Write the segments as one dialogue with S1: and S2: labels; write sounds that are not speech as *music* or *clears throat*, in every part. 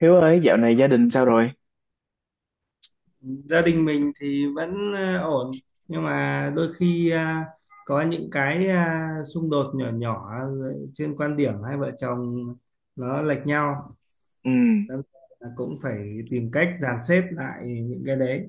S1: Hiếu ơi, dạo này gia đình sao rồi?
S2: Gia đình mình thì vẫn ổn, nhưng mà đôi khi có những cái xung đột nhỏ nhỏ trên quan điểm. Hai vợ chồng nó lệch nhau.
S1: Ừ,
S2: Đâm ra là cũng phải tìm cách dàn xếp lại những cái đấy.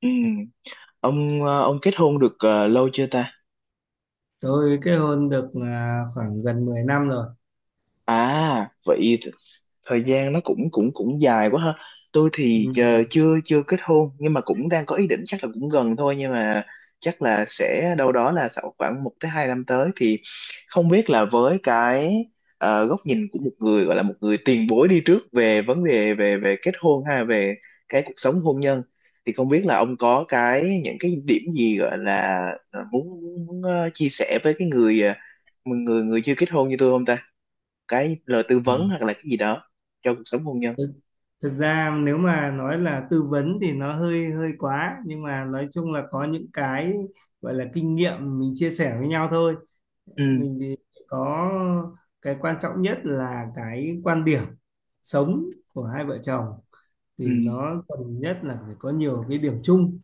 S1: ừ. Ông kết hôn được lâu chưa ta?
S2: Tôi kết hôn được khoảng gần 10 năm rồi.
S1: À vậy thời gian nó cũng cũng cũng dài quá ha. Tôi thì
S2: Ừ.
S1: chưa chưa kết hôn nhưng mà cũng đang có ý định chắc là cũng gần thôi, nhưng mà chắc là sẽ đâu đó là sau khoảng 1 tới 2 năm tới thì không biết là với cái góc nhìn của một người, gọi là một người tiền bối đi trước, về vấn đề về về kết hôn ha, về cái cuộc sống hôn nhân, thì không biết là ông có cái những cái điểm gì gọi là ờ, muốn, muốn chia sẻ với cái người ờ, người người chưa kết hôn như tôi không ta? Cái lời tư vấn
S2: Ừ.
S1: hoặc là cái gì đó cho cuộc sống hôn nhân.
S2: thực, thực ra nếu mà nói là tư vấn thì nó hơi hơi quá, nhưng mà nói chung là có những cái gọi là kinh nghiệm mình chia sẻ với nhau thôi.
S1: Ừ,
S2: Mình thì có cái quan trọng nhất là cái quan điểm sống của hai vợ chồng, thì
S1: ừ,
S2: nó cần nhất là phải có nhiều cái điểm chung.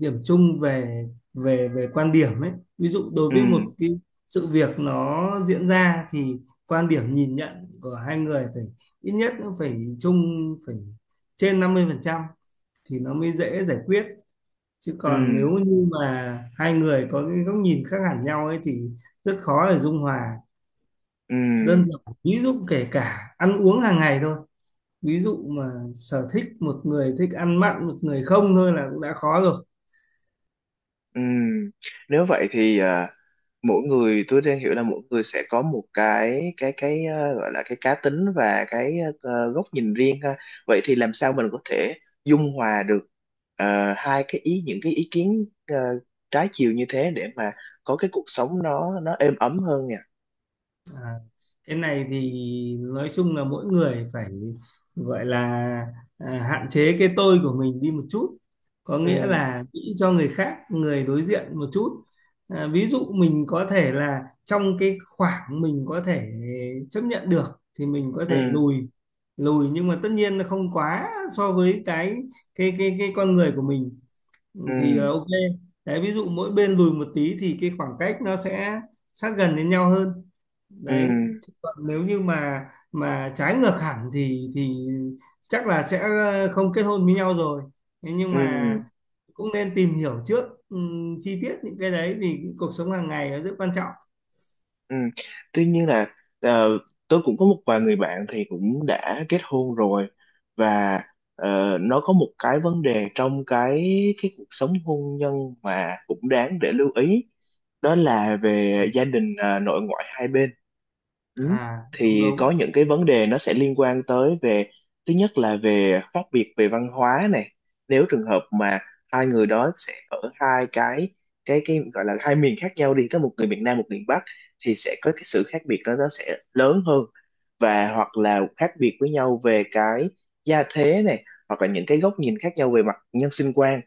S2: Điểm chung về về về quan điểm ấy. Ví dụ đối
S1: ừ,
S2: với một cái sự việc nó diễn ra thì quan điểm nhìn nhận của hai người phải ít nhất nó phải chung, phải trên 50% thì nó mới dễ giải quyết. Chứ
S1: ừ,
S2: còn nếu như mà hai người có cái góc nhìn khác hẳn nhau ấy thì rất khó để dung hòa.
S1: ừ,
S2: Đơn giản ví dụ kể cả ăn uống hàng ngày thôi, ví dụ mà sở thích một người thích ăn mặn, một người không, thôi là cũng đã khó rồi.
S1: ừ. Nếu vậy thì mỗi người, tôi đang hiểu là mỗi người sẽ có một cái gọi là cái cá tính, và cái góc nhìn riêng ha. Vậy thì làm sao mình có thể dung hòa được ờ, hai cái ý những cái ý kiến trái chiều như thế để mà có cái cuộc sống nó êm ấm hơn nhỉ?
S2: À, cái này thì nói chung là mỗi người phải gọi là hạn chế cái tôi của mình đi một chút, có
S1: Ừ,
S2: nghĩa là nghĩ cho người khác, người đối diện một chút. Ví dụ mình có thể là trong cái khoảng mình có thể chấp nhận được thì mình có thể
S1: ừ,
S2: lùi. Lùi nhưng mà tất nhiên là không quá so với cái con người của mình,
S1: ừ,
S2: thì là ok. Đấy, ví dụ mỗi bên lùi một tí thì cái khoảng cách nó sẽ sát gần đến nhau hơn.
S1: ừ,
S2: Đấy. Chứ còn nếu như mà trái ngược hẳn thì chắc là sẽ không kết hôn với nhau rồi. Thế nhưng mà
S1: ừ.
S2: cũng nên tìm hiểu trước chi tiết những cái đấy, vì cuộc sống hàng ngày nó rất quan trọng.
S1: Ừ. Tuy nhiên là ờ, tôi cũng có một vài người bạn thì cũng đã kết hôn rồi, và nó có một cái vấn đề trong cái cuộc sống hôn nhân mà cũng đáng để lưu ý, đó là về gia đình nội ngoại hai bên. Ừ.
S2: À, đúng
S1: Thì có
S2: đúng.
S1: những cái vấn đề nó sẽ liên quan tới, về thứ nhất là về khác biệt về văn hóa này, nếu trường hợp mà hai người đó sẽ ở hai cái gọi là hai miền khác nhau đi, có một người miền Nam, một miền Bắc, thì sẽ có cái sự khác biệt đó nó sẽ lớn hơn, và hoặc là khác biệt với nhau về cái gia thế này, hoặc là những cái góc nhìn khác nhau về mặt nhân sinh quan,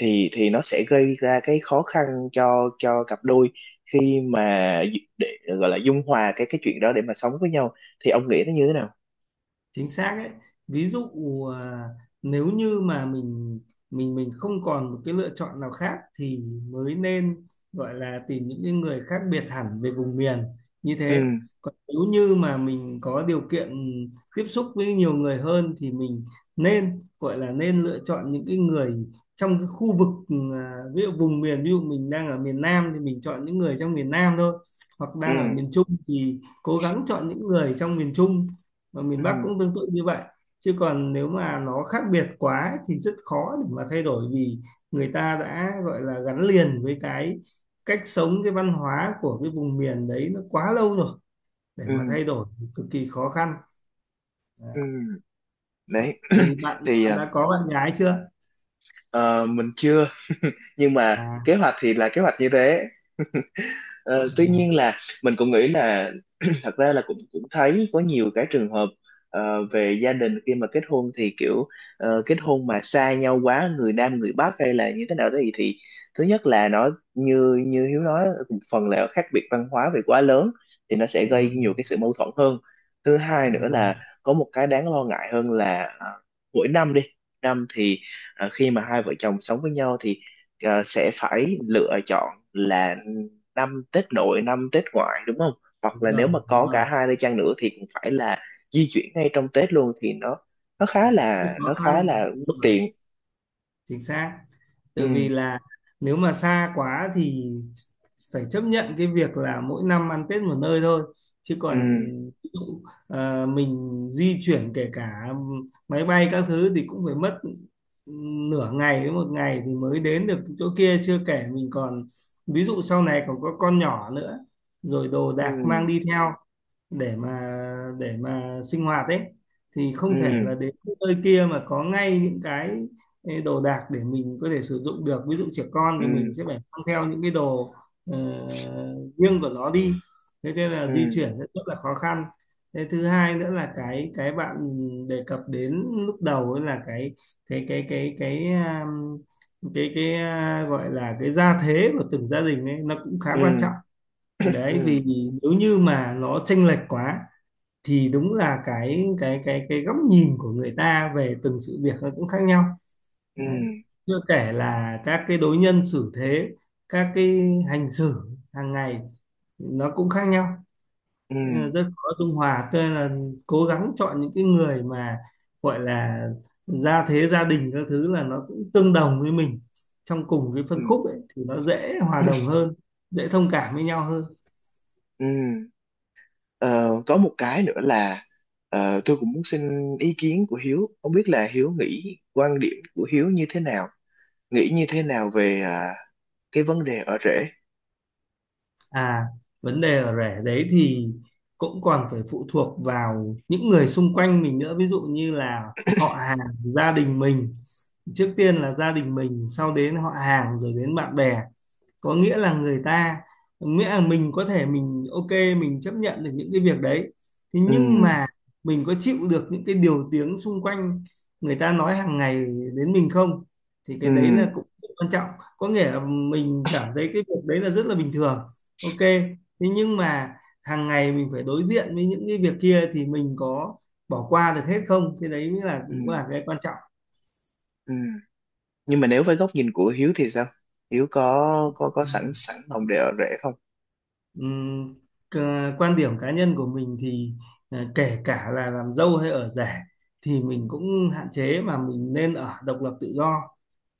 S1: thì nó sẽ gây ra cái khó khăn cho cặp đôi khi mà để gọi là dung hòa cái chuyện đó để mà sống với nhau, thì ông nghĩ nó như thế nào?
S2: Chính xác đấy. Ví dụ à, nếu như mà mình không còn một cái lựa chọn nào khác thì mới nên gọi là tìm những cái người khác biệt hẳn về vùng miền như
S1: Ừ,
S2: thế. Còn nếu như mà mình có điều kiện tiếp xúc với nhiều người hơn thì mình nên gọi là nên lựa chọn những cái người trong cái khu vực, ví dụ vùng miền. Ví dụ mình đang ở miền Nam thì mình chọn những người trong miền Nam thôi, hoặc
S1: ừ,
S2: đang ở miền Trung thì cố gắng chọn những người trong miền Trung. Mà miền
S1: ừ,
S2: Bắc cũng tương tự như vậy. Chứ còn nếu mà nó khác biệt quá thì rất khó để mà thay đổi, vì người ta đã gọi là gắn liền với cái cách sống, cái văn hóa của cái vùng miền đấy nó quá lâu rồi, để mà
S1: ừ,
S2: thay đổi thì cực kỳ khó khăn. Đấy.
S1: ừ. Đấy.
S2: Thì bạn,
S1: *clears throat* Thì
S2: bạn đã có bạn gái chưa?
S1: ờ, mình chưa. *laughs* Nhưng mà
S2: à,
S1: kế hoạch thì là kế hoạch như thế. Ờ, Tuy
S2: à
S1: nhiên là mình cũng nghĩ là, *clears throat* thật ra là cũng cũng thấy có nhiều cái trường hợp về gia đình khi mà kết hôn thì kiểu kết hôn mà xa nhau quá, người Nam người Bắc hay là như thế nào đó thì, thứ nhất là nó như như Hiếu nói, một phần là khác biệt văn hóa về quá lớn thì nó sẽ gây
S2: ừ,
S1: nhiều cái sự mâu thuẫn hơn. Thứ hai
S2: ừ,
S1: nữa là có một cái đáng lo ngại hơn là mỗi năm đi, năm thì khi mà hai vợ chồng sống với nhau thì sẽ phải lựa chọn là năm Tết nội năm Tết ngoại đúng không, hoặc
S2: đúng
S1: là nếu mà
S2: rồi đúng
S1: có cả
S2: rồi.
S1: hai nơi chăng nữa thì cũng phải là di chuyển ngay trong Tết luôn, thì nó nó khá
S2: Rất
S1: là
S2: khó
S1: nó khá là
S2: khăn. Đúng
S1: bất
S2: rồi.
S1: tiện.
S2: Chính xác.
S1: Ừ,
S2: Tự vì là nếu mà xa quá thì phải chấp nhận cái việc là mỗi năm ăn Tết một nơi thôi. Chứ
S1: ừ,
S2: còn ví dụ, mình di chuyển kể cả máy bay các thứ thì cũng phải mất nửa ngày đến một ngày thì mới đến được chỗ kia, chưa kể mình còn, ví dụ sau này còn có con nhỏ nữa, rồi đồ đạc mang
S1: ừ,
S2: đi theo để mà để mà sinh hoạt ấy, thì không thể là
S1: ừ,
S2: đến nơi kia mà có ngay những cái đồ đạc để mình có thể sử dụng được. Ví dụ trẻ con
S1: ừ,
S2: thì mình sẽ phải mang theo những cái đồ ờ, riêng của nó đi. Thế nên
S1: ừ,
S2: là di chuyển rất rất là khó khăn. Thế thứ hai nữa là cái bạn đề cập đến lúc đầu ấy, là cái cái cái cái um, cái gọi là cái gia thế của từng gia đình ấy, nó cũng khá quan
S1: ừ,
S2: trọng. Đấy,
S1: ừ,
S2: vì nếu như mà nó chênh lệch quá thì đúng là cái góc nhìn của người ta về từng sự việc nó cũng khác nhau.
S1: ừ,
S2: Đấy. Chưa kể là các cái đối nhân xử thế, các cái hành xử hàng ngày nó cũng khác nhau.
S1: ừ,
S2: Nên là rất khó dung hòa. Tôi là cố gắng chọn những cái người mà gọi là gia thế gia đình các thứ là nó cũng tương đồng với mình, trong cùng cái phân
S1: ừ,
S2: khúc ấy thì nó dễ hòa đồng hơn, dễ thông cảm với nhau hơn.
S1: ừ. Ờ, có một cái nữa là tôi cũng muốn xin ý kiến của Hiếu, không biết là Hiếu nghĩ, quan điểm của Hiếu như thế nào, nghĩ như thế nào về cái vấn đề ở rễ.
S2: À, vấn đề ở rể đấy thì cũng còn phải phụ thuộc vào những người xung quanh mình nữa, ví dụ như là họ hàng, gia đình mình. Trước tiên là gia đình mình, sau đến họ hàng rồi đến bạn bè, có nghĩa là người ta, nghĩa là mình có thể mình ok, mình chấp nhận được những cái việc đấy. Thế
S1: Ừ,
S2: nhưng mà mình có chịu được những cái điều tiếng xung quanh người ta nói hàng ngày đến mình không, thì
S1: ừ,
S2: cái đấy là cũng quan trọng. Có nghĩa là mình cảm thấy cái việc đấy là rất là bình thường, ok. Thế nhưng mà hàng ngày mình phải đối diện với những cái việc kia thì mình có bỏ qua được hết không, cái đấy mới là cũng
S1: ừ,
S2: là cái quan trọng.
S1: ừ. Nhưng mà nếu với góc nhìn của Hiếu thì sao, Hiếu có sẵn sẵn lòng để ở rể không?
S2: Ừm, Quan điểm cá nhân của mình thì kể cả là làm dâu hay ở rể thì mình cũng hạn chế, mà mình nên ở độc lập tự do,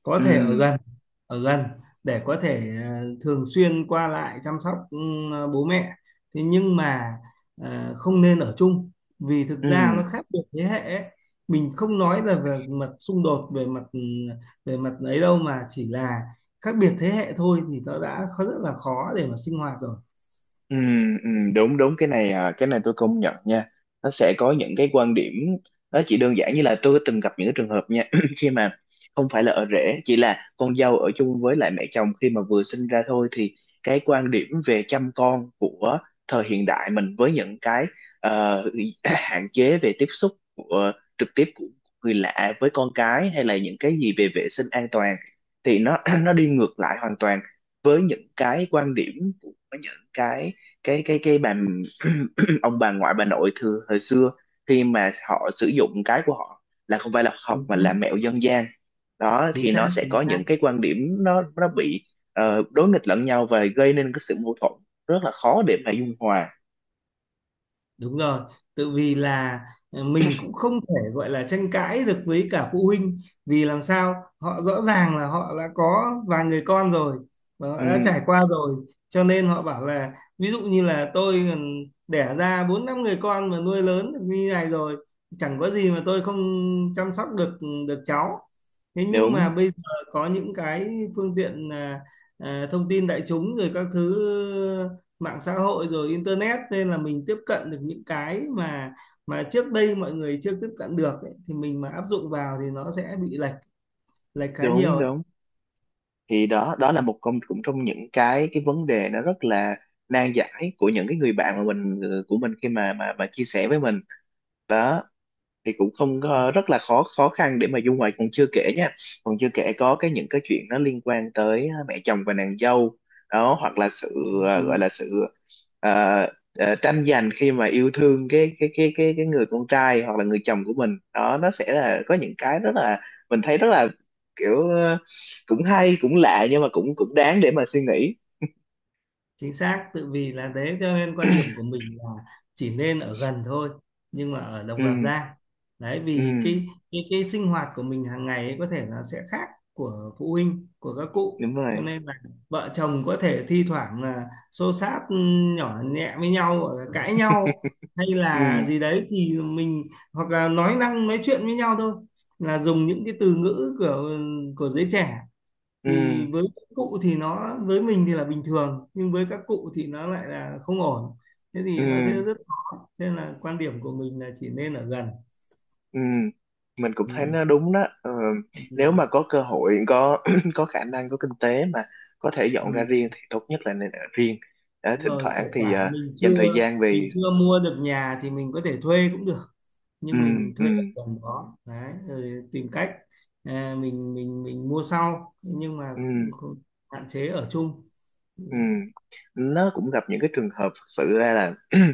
S2: có
S1: Ừ,
S2: thể ở gần. Ở gần để có thể thường xuyên qua lại chăm sóc bố mẹ. Thế nhưng mà không nên ở chung, vì thực ra
S1: ừ.
S2: nó khác biệt thế hệ ấy. Mình không nói là về mặt xung đột, về mặt ấy đâu, mà chỉ là khác biệt thế hệ thôi thì nó đã rất là khó để mà sinh hoạt rồi.
S1: Ừ, ừ, đúng, đúng. Cái này tôi công nhận nha, nó sẽ có những cái quan điểm, nó chỉ đơn giản như là tôi từng gặp những cái trường hợp nha. *clears throat* Khi mà không phải là ở rể, chỉ là con dâu ở chung với lại mẹ chồng khi mà vừa sinh ra thôi, thì cái quan điểm về chăm con của thời hiện đại mình với những cái ờ, *clears throat* hạn chế về tiếp xúc của, trực tiếp của người lạ với con cái, hay là những cái gì về vệ sinh an toàn thì nó *clears throat* nó đi ngược lại hoàn toàn với những cái quan điểm của những cái bà, *clears throat* ông bà ngoại bà nội thường hồi xưa, khi mà họ sử dụng cái của họ là không phải là học
S2: Chính
S1: mà là
S2: xác
S1: mẹo dân gian đó,
S2: chính
S1: thì
S2: xác
S1: nó sẽ có
S2: chính xác.
S1: những cái quan điểm nó bị đối nghịch lẫn nhau và gây nên cái sự mâu thuẫn rất là khó để mà dung hòa.
S2: Đúng rồi. Tự vì là mình cũng không thể gọi là tranh cãi được với cả phụ huynh, vì làm sao họ, rõ ràng là họ đã có vài người con rồi và họ đã
S1: Ừ,
S2: trải qua rồi, cho nên họ bảo là, ví dụ như là tôi đẻ ra bốn năm người con mà nuôi lớn được như này rồi, chẳng có gì mà tôi không chăm sóc được, được cháu. Thế nhưng mà
S1: đúng,
S2: bây giờ có những cái phương tiện thông tin đại chúng rồi các thứ, mạng xã hội rồi internet, nên là mình tiếp cận được những cái mà trước đây mọi người chưa tiếp cận được ấy, thì mình mà áp dụng vào thì nó sẽ bị lệch, lệch khá nhiều
S1: đúng,
S2: ấy.
S1: đúng. Thì đó đó là một công cũng trong những cái vấn đề nó rất là nan giải của những cái người bạn của mình khi mà mà chia sẻ với mình đó, thì cũng không có- rất là khó khó khăn để mà dung ngoại, còn chưa kể nha, còn chưa kể có cái những cái chuyện nó liên quan tới mẹ chồng và nàng dâu đó, hoặc là sự ờ, gọi
S2: Ừ.
S1: là sự ờ, ờ, tranh giành khi mà yêu thương cái người con trai hoặc là người chồng của mình, đó nó sẽ là có những cái rất là, mình thấy rất là kiểu cũng hay cũng lạ, nhưng mà cũng cũng đáng để mà suy nghĩ.
S2: Chính xác. Tự vì là thế cho nên quan điểm của
S1: *clears throat*
S2: mình là chỉ nên ở gần thôi, nhưng mà ở độc lập
S1: Ừ,
S2: ra. Đấy,
S1: ừ,
S2: vì cái cái sinh hoạt của mình hàng ngày ấy có thể nó sẽ khác của phụ huynh, của các cụ.
S1: đúng
S2: Cho
S1: rồi.
S2: nên là vợ chồng có thể thi thoảng là xô xát nhỏ nhẹ với nhau, hoặc là cãi nhau
S1: *laughs*
S2: hay
S1: Ừ,
S2: là gì đấy thì mình, hoặc là nói năng nói chuyện với nhau thôi, là dùng những cái từ ngữ của giới trẻ, thì
S1: ừ,
S2: với các cụ thì nó, với mình thì là bình thường, nhưng với các cụ thì nó lại là không ổn. Thế thì nó sẽ
S1: ừ.
S2: rất khó, nên là quan điểm của mình là chỉ nên ở gần.
S1: Ừ, mình cũng
S2: Ừ.
S1: thấy nó đúng đó. Ờ,
S2: Ừ.
S1: Nếu mà có cơ hội, có *clears throat* có khả năng, có kinh tế mà có thể dọn ra riêng
S2: Ừ.
S1: thì tốt nhất là nên ở riêng. Đó,
S2: Đúng
S1: thỉnh
S2: rồi,
S1: thoảng
S2: kể
S1: thì
S2: cả mình
S1: dành
S2: chưa
S1: thời gian về.
S2: mình chưa mua được nhà thì mình có thể thuê cũng được,
S1: Ừ,
S2: nhưng mình
S1: ừ,
S2: thuê ở gần đó đấy, rồi tìm cách mình mua sau. Nhưng mà không,
S1: ừ,
S2: không, hạn chế ở chung. Ừ.
S1: ừ. Nó cũng gặp những cái trường hợp thực sự ra là, *clears throat*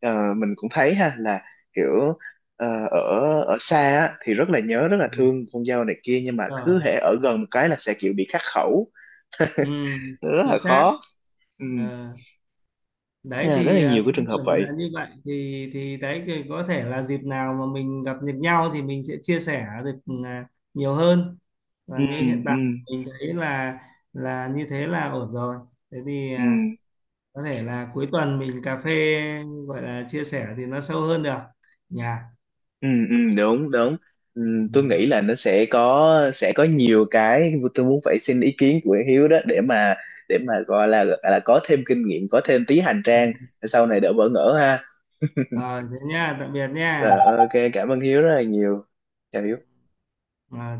S1: mình cũng thấy ha, là kiểu ở ở xa á, thì rất là nhớ, rất là thương con dâu này kia, nhưng mà cứ
S2: Rồi.
S1: hễ ở gần một cái là sẽ kiểu bị khắc khẩu,
S2: Ừ.
S1: rất là
S2: Chính xác.
S1: khó. Ừ.
S2: Ờ. Đấy
S1: Nên rất
S2: thì
S1: là nhiều cái
S2: quan
S1: trường hợp
S2: điểm là
S1: vậy.
S2: như vậy, thì đấy thì có thể là dịp nào mà mình gặp được nhau thì mình sẽ chia sẻ được à, nhiều hơn. Và
S1: Ừ,
S2: như hiện
S1: ừ,
S2: tại mình thấy là như thế là ổn rồi. Thế thì
S1: ừ,
S2: có thể là cuối tuần mình cà phê, gọi là chia sẻ thì nó sâu hơn được. Nhà.
S1: ừ, ừ, đúng, đúng. Ừ, tôi nghĩ là nó sẽ có nhiều cái tôi muốn phải xin ý kiến của Hiếu đó, để mà gọi là có thêm kinh nghiệm, có thêm tí hành trang, sau này đỡ bỡ ngỡ ha.
S2: Rồi, thế nha, tạm biệt nha.
S1: Rồi ok, cảm ơn Hiếu rất là nhiều. Chào Hiếu.
S2: Ờ,